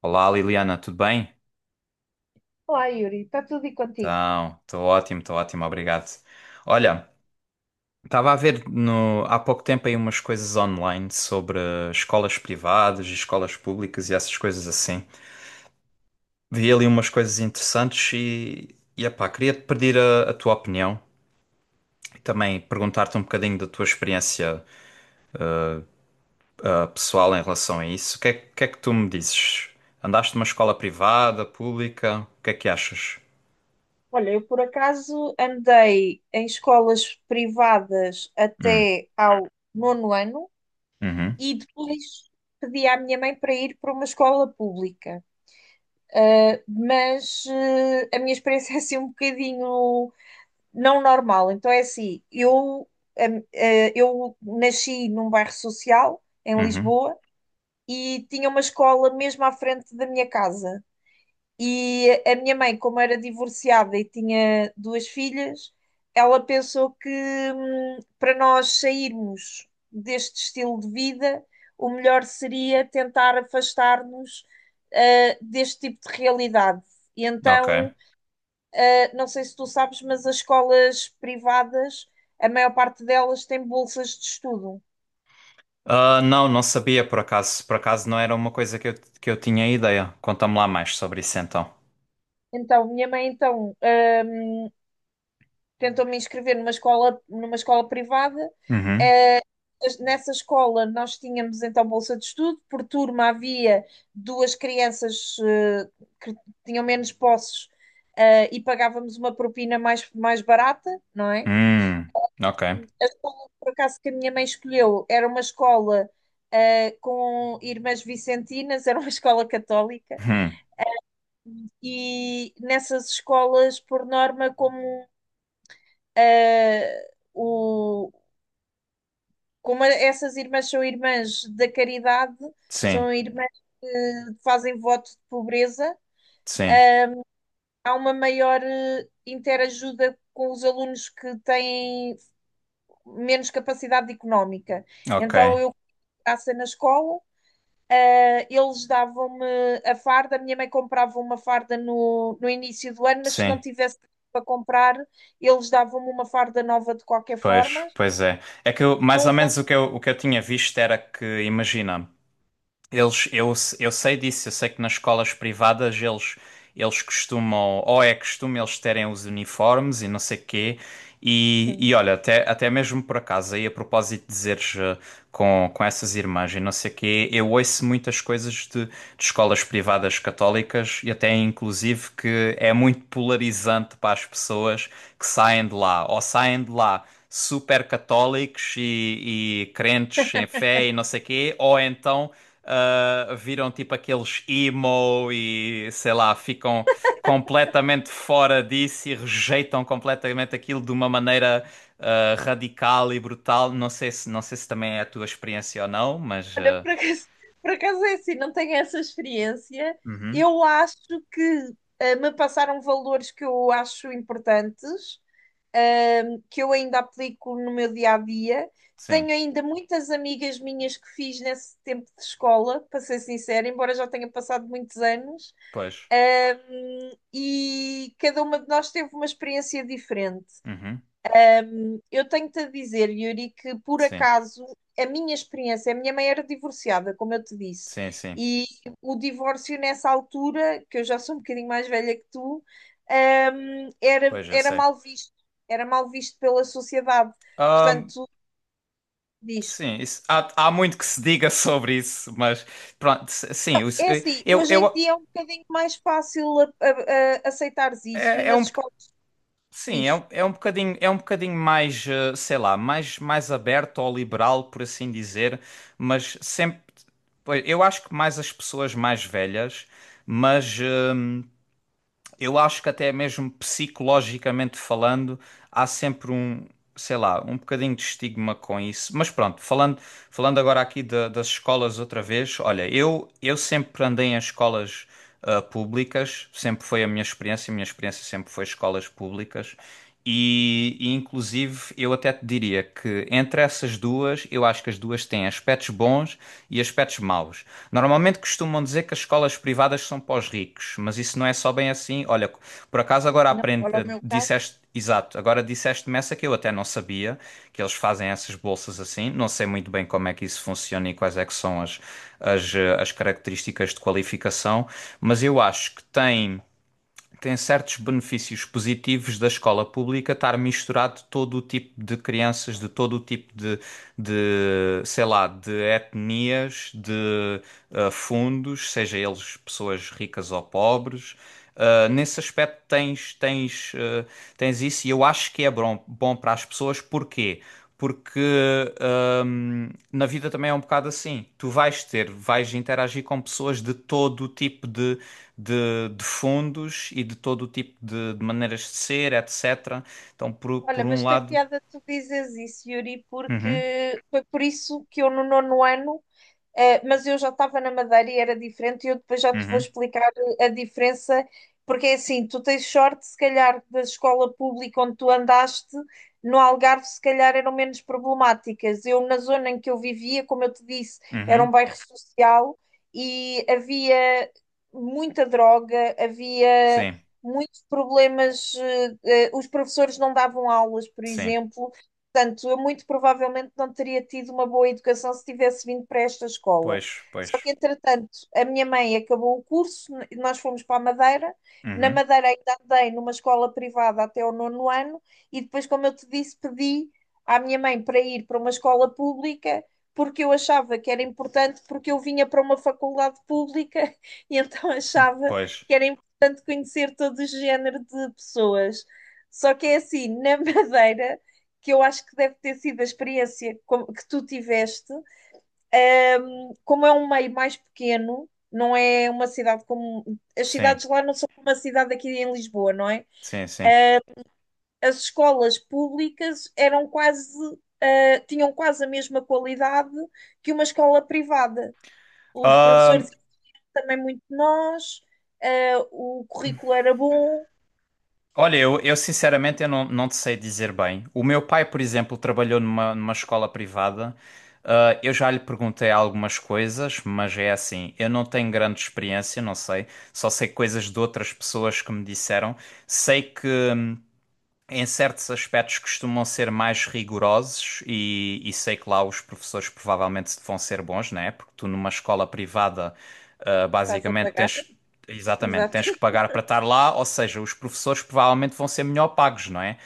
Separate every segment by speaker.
Speaker 1: Olá Liliana, tudo bem?
Speaker 2: Olá, Yuri, está tudo e contigo?
Speaker 1: Então, estou ótimo, obrigado. Olha, estava a ver no- há pouco tempo aí umas coisas online sobre escolas privadas e escolas públicas e essas coisas assim. Vi ali umas coisas interessantes e epá, queria te pedir a tua opinião e também perguntar-te um bocadinho da tua experiência pessoal em relação a isso. O que é que tu me dizes? Andaste numa escola privada, pública? O que é que achas?
Speaker 2: Olha, eu por acaso andei em escolas privadas
Speaker 1: Hum,
Speaker 2: até ao nono ano
Speaker 1: uhum,
Speaker 2: e depois pedi à minha mãe para ir para uma escola pública. Mas a minha experiência é assim um bocadinho não normal. Então é assim, eh, eu nasci num bairro social em
Speaker 1: uhum,
Speaker 2: Lisboa e tinha uma escola mesmo à frente da minha casa. E a minha mãe, como era divorciada e tinha duas filhas, ela pensou que para nós sairmos deste estilo de vida, o melhor seria tentar afastar-nos deste tipo de realidade. E
Speaker 1: ok.
Speaker 2: então, não sei se tu sabes, mas as escolas privadas, a maior parte delas tem bolsas de estudo.
Speaker 1: Ah, não, não sabia por acaso. Por acaso não era uma coisa que eu tinha ideia. Conta-me lá mais sobre isso então.
Speaker 2: Então, minha mãe então tentou me inscrever numa escola privada.
Speaker 1: Uhum.
Speaker 2: Eh, Nessa escola nós tínhamos então bolsa de estudo, por turma havia duas crianças que tinham menos posses, e pagávamos uma propina mais barata, não é?
Speaker 1: Hum. Ok.
Speaker 2: A escola, por acaso, que a minha mãe escolheu era uma escola com irmãs vicentinas, era uma escola católica,
Speaker 1: Hum.
Speaker 2: e nessas escolas, por norma, como eh, o Como a- essas irmãs são irmãs da caridade,
Speaker 1: Sim.
Speaker 2: são irmãs que fazem voto de pobreza,
Speaker 1: Sim.
Speaker 2: há uma maior interajuda com os alunos que têm menos capacidade económica.
Speaker 1: Ok.
Speaker 2: Então eu passei na escola, eles davam-me a farda, a minha mãe comprava uma farda no início do ano, mas se não
Speaker 1: Sim.
Speaker 2: tivesse para comprar, eles davam-me uma farda nova de qualquer forma.
Speaker 1: Pois, pois é. É que eu, mais
Speaker 2: Não
Speaker 1: ou
Speaker 2: usava.
Speaker 1: menos o que eu tinha visto era que, imagina. Eles, eu sei disso, eu sei que nas escolas privadas eles, eles costumam, ou é costume eles terem os uniformes e não sei quê. E olha, até, até mesmo por acaso, aí a propósito de dizeres com essas irmãs e não sei quê, eu ouço muitas coisas de escolas privadas católicas e até inclusive que é muito polarizante para as pessoas que saem de lá, ou saem de lá super católicos e crentes em fé e não sei quê, ou então viram tipo aqueles emo e sei lá, ficam completamente fora disso e rejeitam completamente aquilo de uma maneira radical e brutal. Não sei se, não sei se também é a tua experiência ou não, mas
Speaker 2: Olha, por acaso é assim, não tenho essa experiência.
Speaker 1: uhum,
Speaker 2: Eu acho que me passaram valores que eu acho importantes, que eu ainda aplico no meu dia a dia.
Speaker 1: sim,
Speaker 2: Tenho ainda muitas amigas minhas que fiz nesse tempo de escola, para ser sincera, embora já tenha passado muitos anos,
Speaker 1: pois,
Speaker 2: e cada uma de nós teve uma experiência diferente.
Speaker 1: uhum,
Speaker 2: Eu tenho-te a dizer, Yuri, que por
Speaker 1: sim,
Speaker 2: acaso a minha experiência, a minha mãe era divorciada, como eu te disse,
Speaker 1: sim, sim,
Speaker 2: e o divórcio nessa altura, que eu já sou um bocadinho mais velha que tu, hum, era,
Speaker 1: pois eu
Speaker 2: era
Speaker 1: sei.
Speaker 2: mal visto, era mal visto pela sociedade. Portanto, diz.
Speaker 1: Sim, isso- há, há muito que se diga sobre isso, mas pronto, s- sim, os-
Speaker 2: É assim,
Speaker 1: eu,
Speaker 2: hoje
Speaker 1: eu,
Speaker 2: em dia é um bocadinho mais fácil aceitares isso e
Speaker 1: é,
Speaker 2: nas escolas
Speaker 1: sim,
Speaker 2: diz.
Speaker 1: é um bocadinho mais, sei lá, mais, mais aberto ao liberal, por assim dizer, mas sempre, pois, eu acho que mais as pessoas mais velhas, mas eu acho que até mesmo psicologicamente falando, há sempre um, sei lá, um bocadinho de estigma com isso. Mas pronto, falando, das escolas outra vez, olha, eu sempre andei em escolas públicas, sempre foi a minha experiência sempre foi escolas públicas. E inclusive eu até te diria que entre essas duas, eu acho que as duas têm aspectos bons e aspectos maus. Normalmente costumam dizer que as escolas privadas são para os ricos, mas isso não é só bem assim. Olha, por acaso agora
Speaker 2: Não,
Speaker 1: aprendi,
Speaker 2: olha o meu caso.
Speaker 1: disseste, exato, agora disseste-me essa que eu até não sabia, que eles fazem essas bolsas assim. Não sei muito bem como é que isso funciona e quais é que são as, as características de qualificação, mas eu acho que tem certos benefícios positivos da escola pública estar misturado todo o tipo de crianças, de todo o tipo de sei lá, de etnias, de fundos, seja eles pessoas ricas ou pobres. Ah, nesse aspecto tens, tens, tens isso e eu acho que é bom, bom para as pessoas. Porquê? Porque na vida também é um bocado assim. Tu vais ter, vais interagir com pessoas de todo o tipo de, de fundos e de todo o tipo de maneiras de ser, etc. Então,
Speaker 2: Olha,
Speaker 1: por um
Speaker 2: mas tem
Speaker 1: lado.
Speaker 2: piada tu dizes isso, Yuri,
Speaker 1: Uhum,
Speaker 2: porque foi por isso que eu no nono ano. Mas eu já estava na Madeira e era diferente, e eu depois já te vou
Speaker 1: uhum,
Speaker 2: explicar a diferença, porque é assim, tu tens sorte, se calhar, da escola pública onde tu andaste, no Algarve, se calhar eram menos problemáticas. Eu, na zona em que eu vivia, como eu te disse, era um
Speaker 1: uhum.
Speaker 2: bairro social e havia muita droga, havia
Speaker 1: Sim,
Speaker 2: muitos problemas, os professores não davam aulas, por
Speaker 1: sim.
Speaker 2: exemplo. Portanto, eu muito provavelmente não teria tido uma boa educação se tivesse vindo para esta escola.
Speaker 1: Pois, pois.
Speaker 2: Só que, entretanto, a minha mãe acabou o curso, nós fomos para a Madeira. Na
Speaker 1: Uhum,
Speaker 2: Madeira ainda andei numa escola privada até o nono ano, e depois, como eu te disse, pedi à minha mãe para ir para uma escola pública, porque eu achava que era importante, porque eu vinha para uma faculdade pública, e então achava
Speaker 1: pois.
Speaker 2: que era importante conhecer todo o género de pessoas. Só que é assim, na Madeira, que eu acho que deve ter sido a experiência que tu tiveste, como é um meio mais pequeno, não é uma cidade como. As
Speaker 1: Sim,
Speaker 2: cidades lá não são como a cidade aqui em Lisboa, não é?
Speaker 1: sim, sim.
Speaker 2: As escolas públicas eram quase. Tinham quase a mesma qualidade que uma escola privada. Os professores
Speaker 1: Hum,
Speaker 2: eram também muito nós, o currículo era bom,
Speaker 1: olha, eu sinceramente eu não, não te sei dizer bem. O meu pai, por exemplo, trabalhou numa escola privada. Ah, eu já lhe perguntei algumas coisas, mas é assim, eu não tenho grande experiência, não sei. Só sei coisas de outras pessoas que me disseram. Sei que em certos aspectos costumam ser mais rigorosos e sei que lá os professores provavelmente vão ser bons, né? Porque tu numa escola privada,
Speaker 2: estás a
Speaker 1: basicamente
Speaker 2: pagar,
Speaker 1: tens, exatamente,
Speaker 2: exato,
Speaker 1: tens que pagar para estar lá, ou seja, os professores provavelmente vão ser melhor pagos, não é?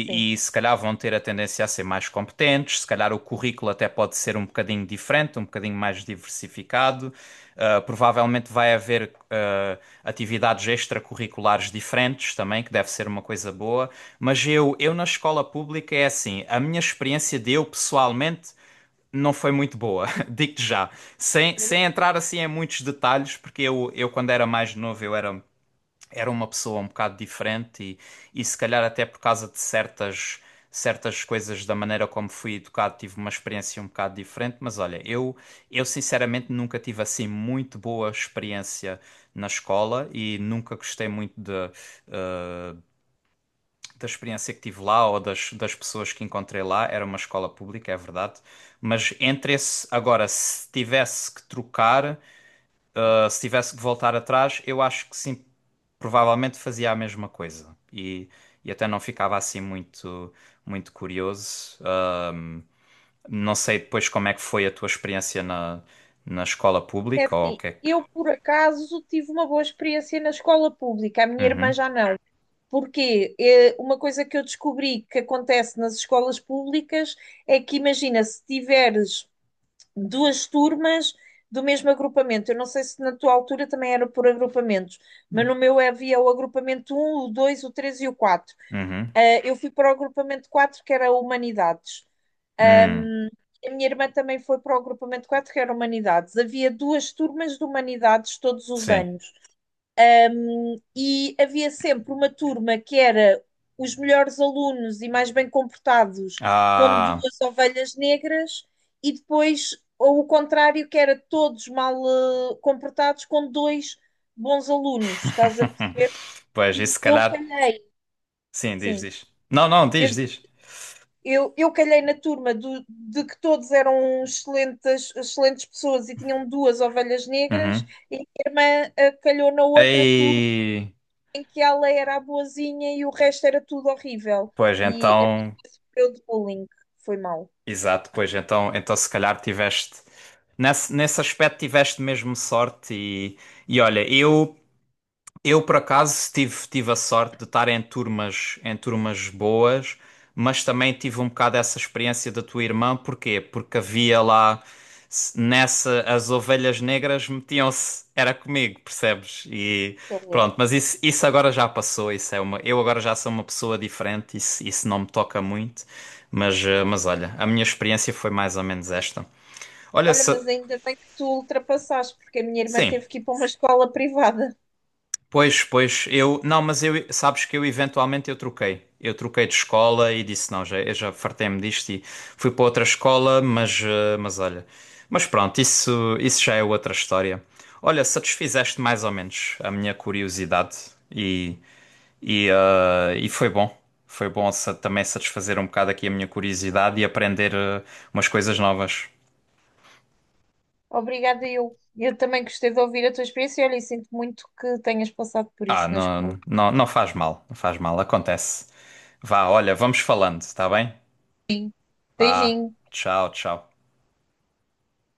Speaker 2: sim.
Speaker 1: E se calhar vão ter a tendência a ser mais competentes, se calhar o currículo até pode ser um bocadinho diferente, um bocadinho mais diversificado. Provavelmente vai haver atividades extracurriculares diferentes também, que deve ser uma coisa boa. Mas eu na escola pública é assim, a minha experiência de eu pessoalmente não foi muito boa, digo-te já. Sem, sem entrar assim em muitos detalhes, porque eu quando era mais novo eu era uma pessoa um bocado diferente e se calhar até por causa de certas coisas da maneira como fui educado, tive uma experiência um bocado diferente, mas olha, eu sinceramente nunca tive assim muito boa experiência na escola e nunca gostei muito de, da experiência que tive lá ou das, das pessoas que encontrei lá. Era uma escola pública, é verdade, mas entre esse agora, se tivesse que trocar se tivesse que voltar atrás, eu acho que sim, provavelmente fazia a mesma coisa. E até não ficava assim muito, muito curioso. Não sei depois como é que foi a tua experiência na, na escola
Speaker 2: É
Speaker 1: pública ou o
Speaker 2: assim,
Speaker 1: que é que.
Speaker 2: eu por acaso tive uma boa experiência na escola pública, a minha irmã
Speaker 1: Uhum,
Speaker 2: já não. Porque uma coisa que eu descobri que acontece nas escolas públicas é que, imagina, se tiveres duas turmas do mesmo agrupamento, eu não sei se na tua altura também era por agrupamentos, mas no meu havia o agrupamento um, o 2, o 3 e o 4.
Speaker 1: uhum,
Speaker 2: Ah, eu fui para o agrupamento 4, que era Humanidades.
Speaker 1: hum,
Speaker 2: Ahm, a minha irmã também foi para o agrupamento 4, que era Humanidades. Havia duas turmas de Humanidades todos os
Speaker 1: sim.
Speaker 2: anos. E havia sempre uma turma que era os melhores alunos e mais bem comportados, com
Speaker 1: Ah.
Speaker 2: duas ovelhas negras, e depois ou o contrário, que era todos mal comportados, com dois bons alunos, estás a perceber?
Speaker 1: Pois, isso
Speaker 2: E
Speaker 1: se
Speaker 2: eu
Speaker 1: calhar.
Speaker 2: calhei,
Speaker 1: Sim, diz,
Speaker 2: sim.
Speaker 1: diz. Não, não, diz,
Speaker 2: Eu
Speaker 1: diz.
Speaker 2: eu calhei na turma do- de que todos eram excelentes, excelentes pessoas e tinham duas ovelhas negras,
Speaker 1: Uhum.
Speaker 2: e a minha irmã calhou na outra turma
Speaker 1: Aí.
Speaker 2: em que ela era a boazinha e o resto era tudo horrível.
Speaker 1: Pois
Speaker 2: E a minha
Speaker 1: então.
Speaker 2: irmã sofreu de bullying. Foi mal,
Speaker 1: Exato, pois então, então se calhar tiveste nesse, nesse aspecto tiveste mesmo sorte e olha, eu, por acaso, tive, tive a sorte de estar em turmas boas, mas também tive um bocado essa experiência da tua irmã. Porquê? Porque havia lá, as ovelhas negras metiam-se, era comigo, percebes? E
Speaker 2: que horror.
Speaker 1: pronto, mas isso agora já passou, isso é uma, eu agora já sou uma pessoa diferente, isso não me toca muito, mas, mas olha, a minha experiência foi mais ou menos esta. Olha,
Speaker 2: Olha,
Speaker 1: se,
Speaker 2: mas ainda bem que tu ultrapassaste, porque a minha irmã
Speaker 1: sim.
Speaker 2: teve que ir para uma escola privada.
Speaker 1: Pois, pois, eu, não, mas eu, sabes que eu eventualmente eu troquei. Eu troquei de escola e disse, não, já, eu já fartei-me disto e fui para outra escola, mas, mas olha. Mas pronto, isso já é outra história. Olha, satisfizeste mais ou menos a minha curiosidade e, e foi bom. Também satisfazer um bocado aqui a minha curiosidade e aprender, umas coisas novas.
Speaker 2: Obrigada, eu. Eu também gostei de ouvir a tua experiência e olha, e sinto muito que tenhas passado por
Speaker 1: Ah,
Speaker 2: isso na escola.
Speaker 1: não, não, não faz mal, não faz mal, acontece. Vá, olha, vamos falando, está bem? Pá,
Speaker 2: Beijinho.
Speaker 1: tchau, tchau.